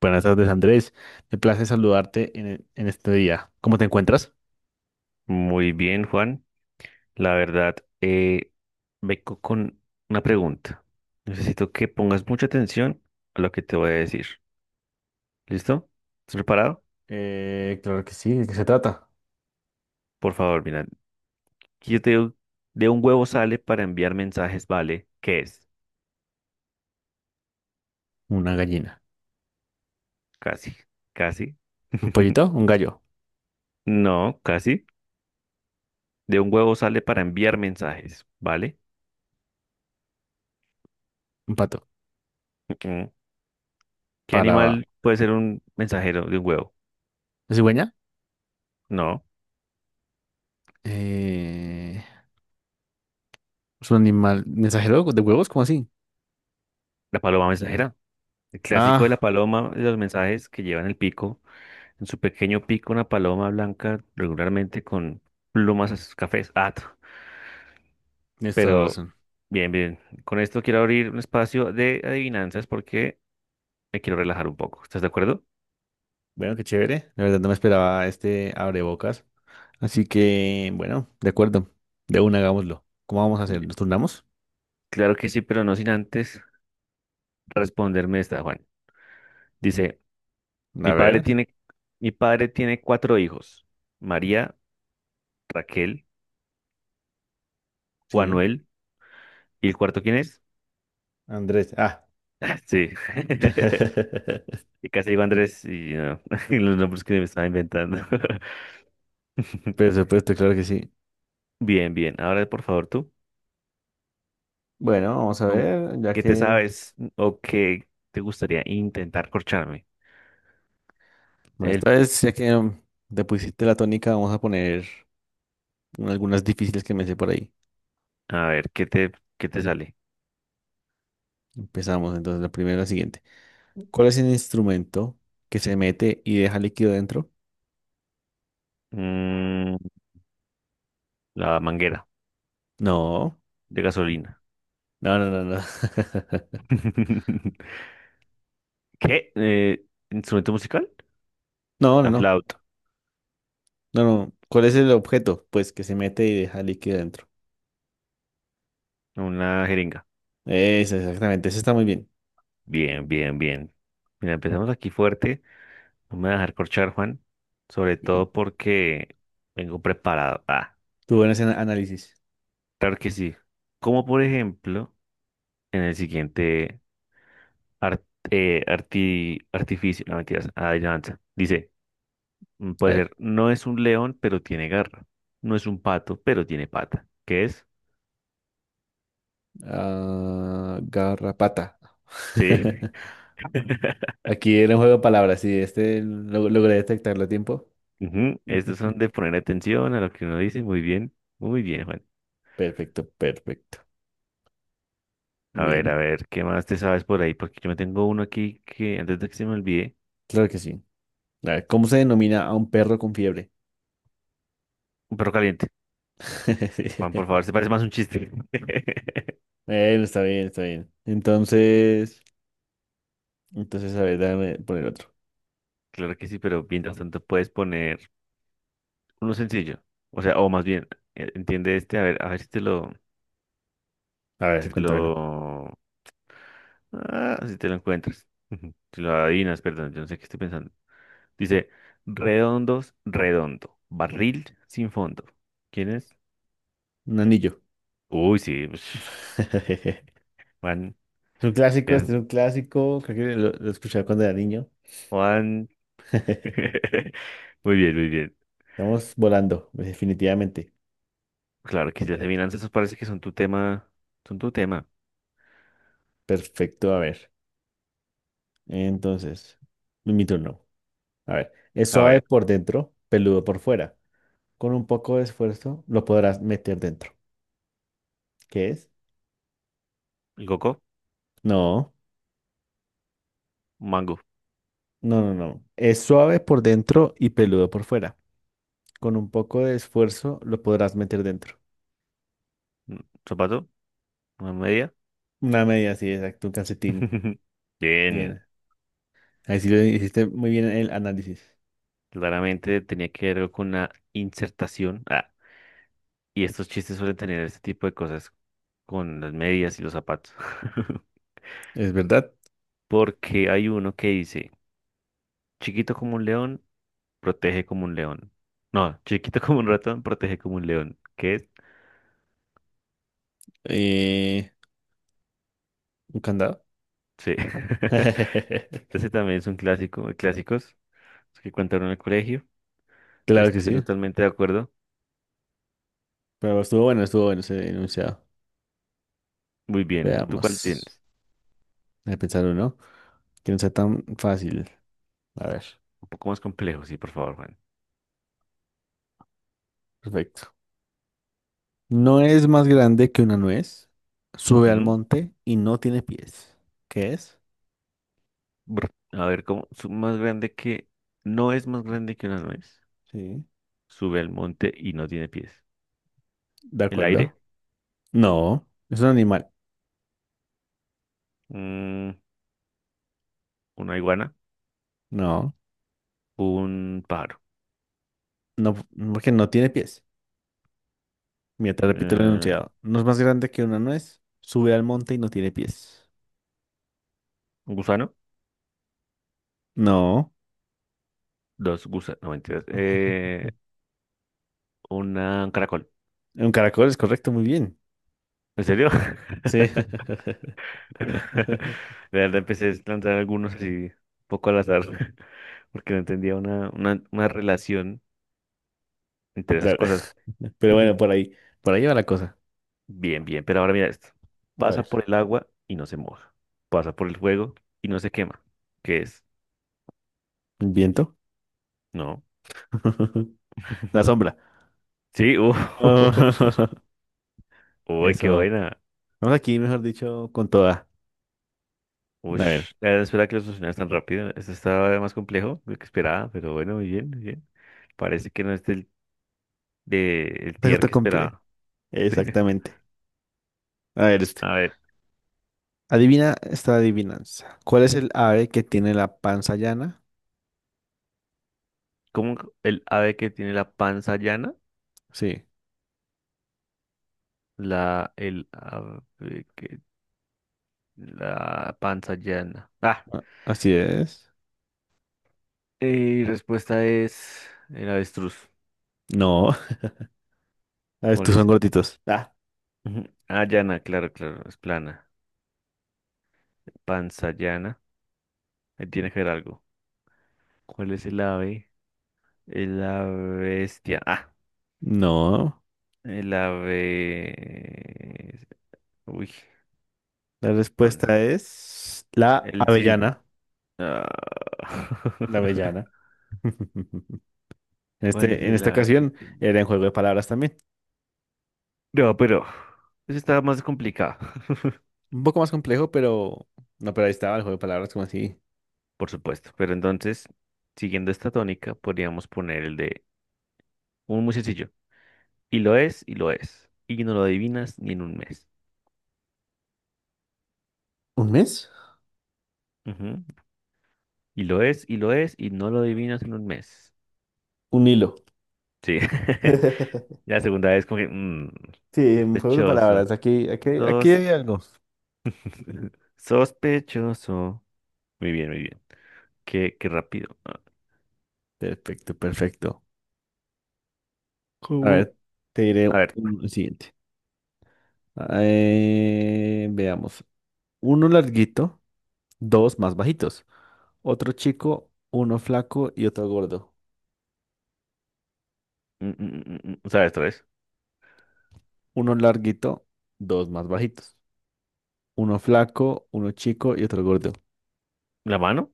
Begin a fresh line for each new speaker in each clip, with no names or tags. Buenas tardes, Andrés. Me place saludarte en este día. ¿Cómo te encuentras?
Muy bien, Juan. La verdad, eh, vengo con una pregunta. Necesito que pongas mucha atención a lo que te voy a decir. ¿Listo? ¿Estás preparado?
Claro que sí, ¿de qué se trata?
Por favor, mira. Si yo te digo, de un huevo sale para enviar mensajes, ¿vale? ¿Qué es?
Una gallina.
Casi, casi.
¿Un pollito? ¿Un gallo?
No, casi. De un huevo sale para enviar mensajes, ¿vale?
¿Un pato?
Ujú. ¿Qué
¿Para la
animal puede ser un mensajero de un huevo?
cigüeña?
No,
Eh, ¿Es un animal mensajero de huevos? ¿Cómo así?
la paloma mensajera. El clásico de la
Ah,
paloma, de los mensajes que llevan el pico. En su pequeño pico, una paloma blanca, regularmente con plumas cafés. Ah,
tienes toda la
pero
razón.
bien, bien. Con esto quiero abrir un espacio de adivinanzas porque me quiero relajar un poco. ¿Estás de acuerdo?
Bueno, qué chévere. La verdad no me esperaba este abrebocas. Así que, bueno, de acuerdo. De una, hagámoslo. ¿Cómo vamos a hacer?
Y-
¿Nos turnamos?
Claro que sí, pero no sin antes responderme esta, Juan. Dice,
A
mi padre
ver.
tiene, mi padre tiene cuatro hijos. María, Raquel,
Sí.
Juanuel, ¿y el cuarto quién es?
Andrés. Ah.
Ah, sí. Y casi digo Andrés y no, los nombres que me estaba inventando.
Por supuesto, claro que sí.
Bien, bien. Ahora, por favor, tú,
Bueno, vamos a
¿con
ver, ya
qué te
que,
sabes o qué te gustaría intentar corcharme?
bueno, esta
El,
vez, ya que mm, te pusiste la tónica, vamos a poner algunas difíciles que me sé por ahí.
a ver, ¿qué te sale?
Empezamos, entonces, la siguiente. ¿Cuál es el instrumento que se mete y deja líquido dentro?
Mm, la manguera
No,
de gasolina.
no, no, no, no.
¿Qué? ¿Instrumento musical?
No, no,
La
no,
flauta.
no, no. ¿Cuál es el objeto? Pues que se mete y deja líquido dentro.
Una jeringa.
Eso, exactamente, eso está muy bien.
Bien, bien, bien. Mira, empezamos aquí fuerte. No me voy a dejar corchar, Juan. Sobre
Bien.
todo porque vengo preparado. Ah,
Tú buen ese análisis.
claro que sí. Como por ejemplo, en el siguiente. Art- artificio, no mentiras, adivinanza. Dice,
A
puede
ver,
ser, no es un león, pero tiene garra. No es un pato, pero tiene pata. ¿Qué es?
ah, garrapata.
Sí.
Aquí era un juego de palabras, sí, logré detectarlo a tiempo.
Ujú, estos son de poner atención a lo que uno dice. Muy bien, Juan.
Perfecto, perfecto.
A
Bien,
ver, ¿qué más te sabes por ahí? Porque yo me tengo uno aquí que antes de que se me olvide,
claro que sí. A ver, ¿cómo se denomina a un perro con fiebre?
un perro caliente. Juan, por favor, se parece más a un chiste.
Bueno, está bien, está bien. Entonces, a ver, déjame poner otro.
Claro que sí, pero mientras tanto puedes poner uno sencillo. O sea, o más bien, entiende este, a ver si te lo.
A
Si
ver,
te
cuéntamelo.
lo... Ah, si te lo encuentras. Si lo adivinas, perdón, yo no sé qué estoy pensando. Dice, redondo, barril sin fondo. ¿Quién es?
Un anillo.
Uy, sí. Ush, Juan.
Es un clásico, este
Es
es un clásico. Creo que lo escuchaba cuando era niño.
Juan.
Estamos
Muy bien, muy bien.
volando, definitivamente.
Claro que ya se miran, esos parece que son tu tema. Son tu tema.
Perfecto, a ver. Entonces, mi turno. A ver, es
A
suave
ver,
por dentro, peludo por fuera. Con un poco de esfuerzo lo podrás meter dentro. ¿Qué es?
coco,
No,
mango,
no, no, no. Es suave por dentro y peludo por fuera. Con un poco de esfuerzo lo podrás meter dentro.
mm, zapato, una media.
Una media, sí, exacto, un calcetín.
Bien.
Bien. Ahí sí lo hiciste muy bien el análisis.
Claramente tenía que ver con una insertación. Ah, y estos chistes suelen tener este tipo de cosas con las medias y los zapatos.
¿Es verdad?
Porque hay uno que dice, chiquito como un león, protege como un león. No, chiquito como un ratón, protege como un león. ¿Qué es?
Eh, ¿Un candado?
Sí. Ese también es un clásico, de clásicos los que contaron en el colegio.
Claro que
Estoy
sí.
totalmente de acuerdo.
Pero estuvo bueno ese enunciado.
Muy bien. ¿Tú cuál
Veamos.
tienes?
Voy a pensar uno que no sea tan fácil. A ver.
Un poco más complejo, sí, por favor, Juan.
Perfecto. No es más grande que una nuez, sube al
¿Mm?
monte y no tiene pies. ¿Qué es?
Brr. A ver, ¿cómo? Más grande que... No es más grande que una nuez.
Sí.
Sube al monte y no tiene pies.
De
El aire,
acuerdo. No, es un animal.
un- una iguana,
No,
un pájaro,
no, porque no tiene pies. Mira, te repito el
eh,
enunciado. No es más grande que una nuez, sube al monte y no tiene pies.
un gusano,
No.
dos gusanos, no mentiras, un caracol.
Ay. Un caracol es correcto, muy bien.
¿En serio?
Sí.
De verdad empecé a lanzar algunos así, un poco al azar, porque no entendía una relación entre esas
Claro.
cosas.
Pero bueno, por ahí va la cosa.
Bien, bien, pero ahora mira esto.
A
Pasa
ver.
por el agua y no se moja. Pasa por el fuego y no se quema. ¿Qué es?
¿El viento?
No.
La sombra.
Sí, Uy, qué
Eso.
buena.
Vamos aquí, mejor dicho, con toda. A ver,
Ush, la verdad espera que lo solucionaras tan rápido. Esto estaba más complejo de lo que esperaba, pero bueno, muy bien, muy bien. Parece que no es el tier
te
que
completo.
esperaba. Sí.
Exactamente. A ver, este.
A ver,
Adivina esta adivinanza. ¿Cuál es el ave que tiene la panza llana?
¿cómo el ave que tiene la panza llana?
Sí.
El ave que, la panza llana. Ah,
a- Así es.
y respuesta es el avestruz.
No. A ver,
¿Cuál
estos son
es?
gorditos. Ah.
Ujú. Ah, llana, claro, claro, es plana. Panza llana, ahí tiene que ver algo. ¿Cuál es el ave? La bestia. Ah.
No.
La B. Uy,
La
man,
respuesta es la
el cisne.
avellana.
No.
La avellana. En
¿Cuál es
este, en
el
esta
ave que
ocasión
tiene?
era en juego de palabras también.
No, pero eso está más complicado,
Un poco más complejo, pero... No, pero ahí estaba el juego de palabras como así.
por supuesto. Pero entonces, siguiendo esta tónica, podríamos poner el de un muy sencillo. Y lo es, y lo es. Y no lo adivinas ni en un mes.
¿Un mes?
Ujú. Y lo es, y lo es, y no lo adivinas en un mes.
Un hilo.
Sí. La segunda vez como que,
Sí, un juego de
sospechoso.
palabras. Aquí
Sos-
hay algo.
sospechoso. Muy bien, muy bien. Qué rápido. Ah,
Perfecto, perfecto. A
¿cómo?
ver, te diré
A ver,
un el siguiente. Veamos. Uno larguito, dos más bajitos. Otro chico, uno flaco y otro gordo.
¿sabes otra vez?
Uno larguito, dos más bajitos. Uno flaco, uno chico y otro gordo.
¿La mano?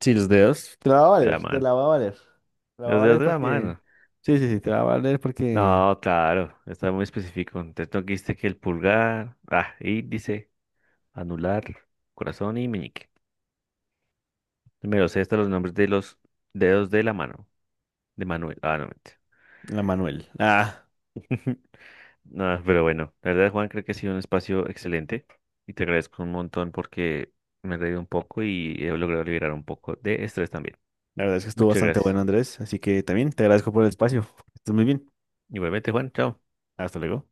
Sí, los dedos. Te la va a
De la
valer, te
mano.
la va a valer. Te la va a
Los dedos
valer
de la
porque...
mano.
Sí, sí, sí, te la va a valer porque...
No, claro, está muy específico. Entonces no quiste que el pulgar, ah, índice, anular, corazón y meñique. Me lo sé hasta los nombres de los dedos de la mano. De Manuel. Ah, no, mentira.
La Manuel. Ah.
No, pero bueno, la verdad, Juan, creo que ha sido un espacio excelente y te agradezco un montón porque me he reído un poco y he logrado liberar un poco de estrés también.
La verdad es que estuvo
Muchas
bastante
gracias.
bueno, Andrés, así que también te agradezco por el espacio. Que estés muy bien.
Igualmente, Juan, chao.
Hasta luego.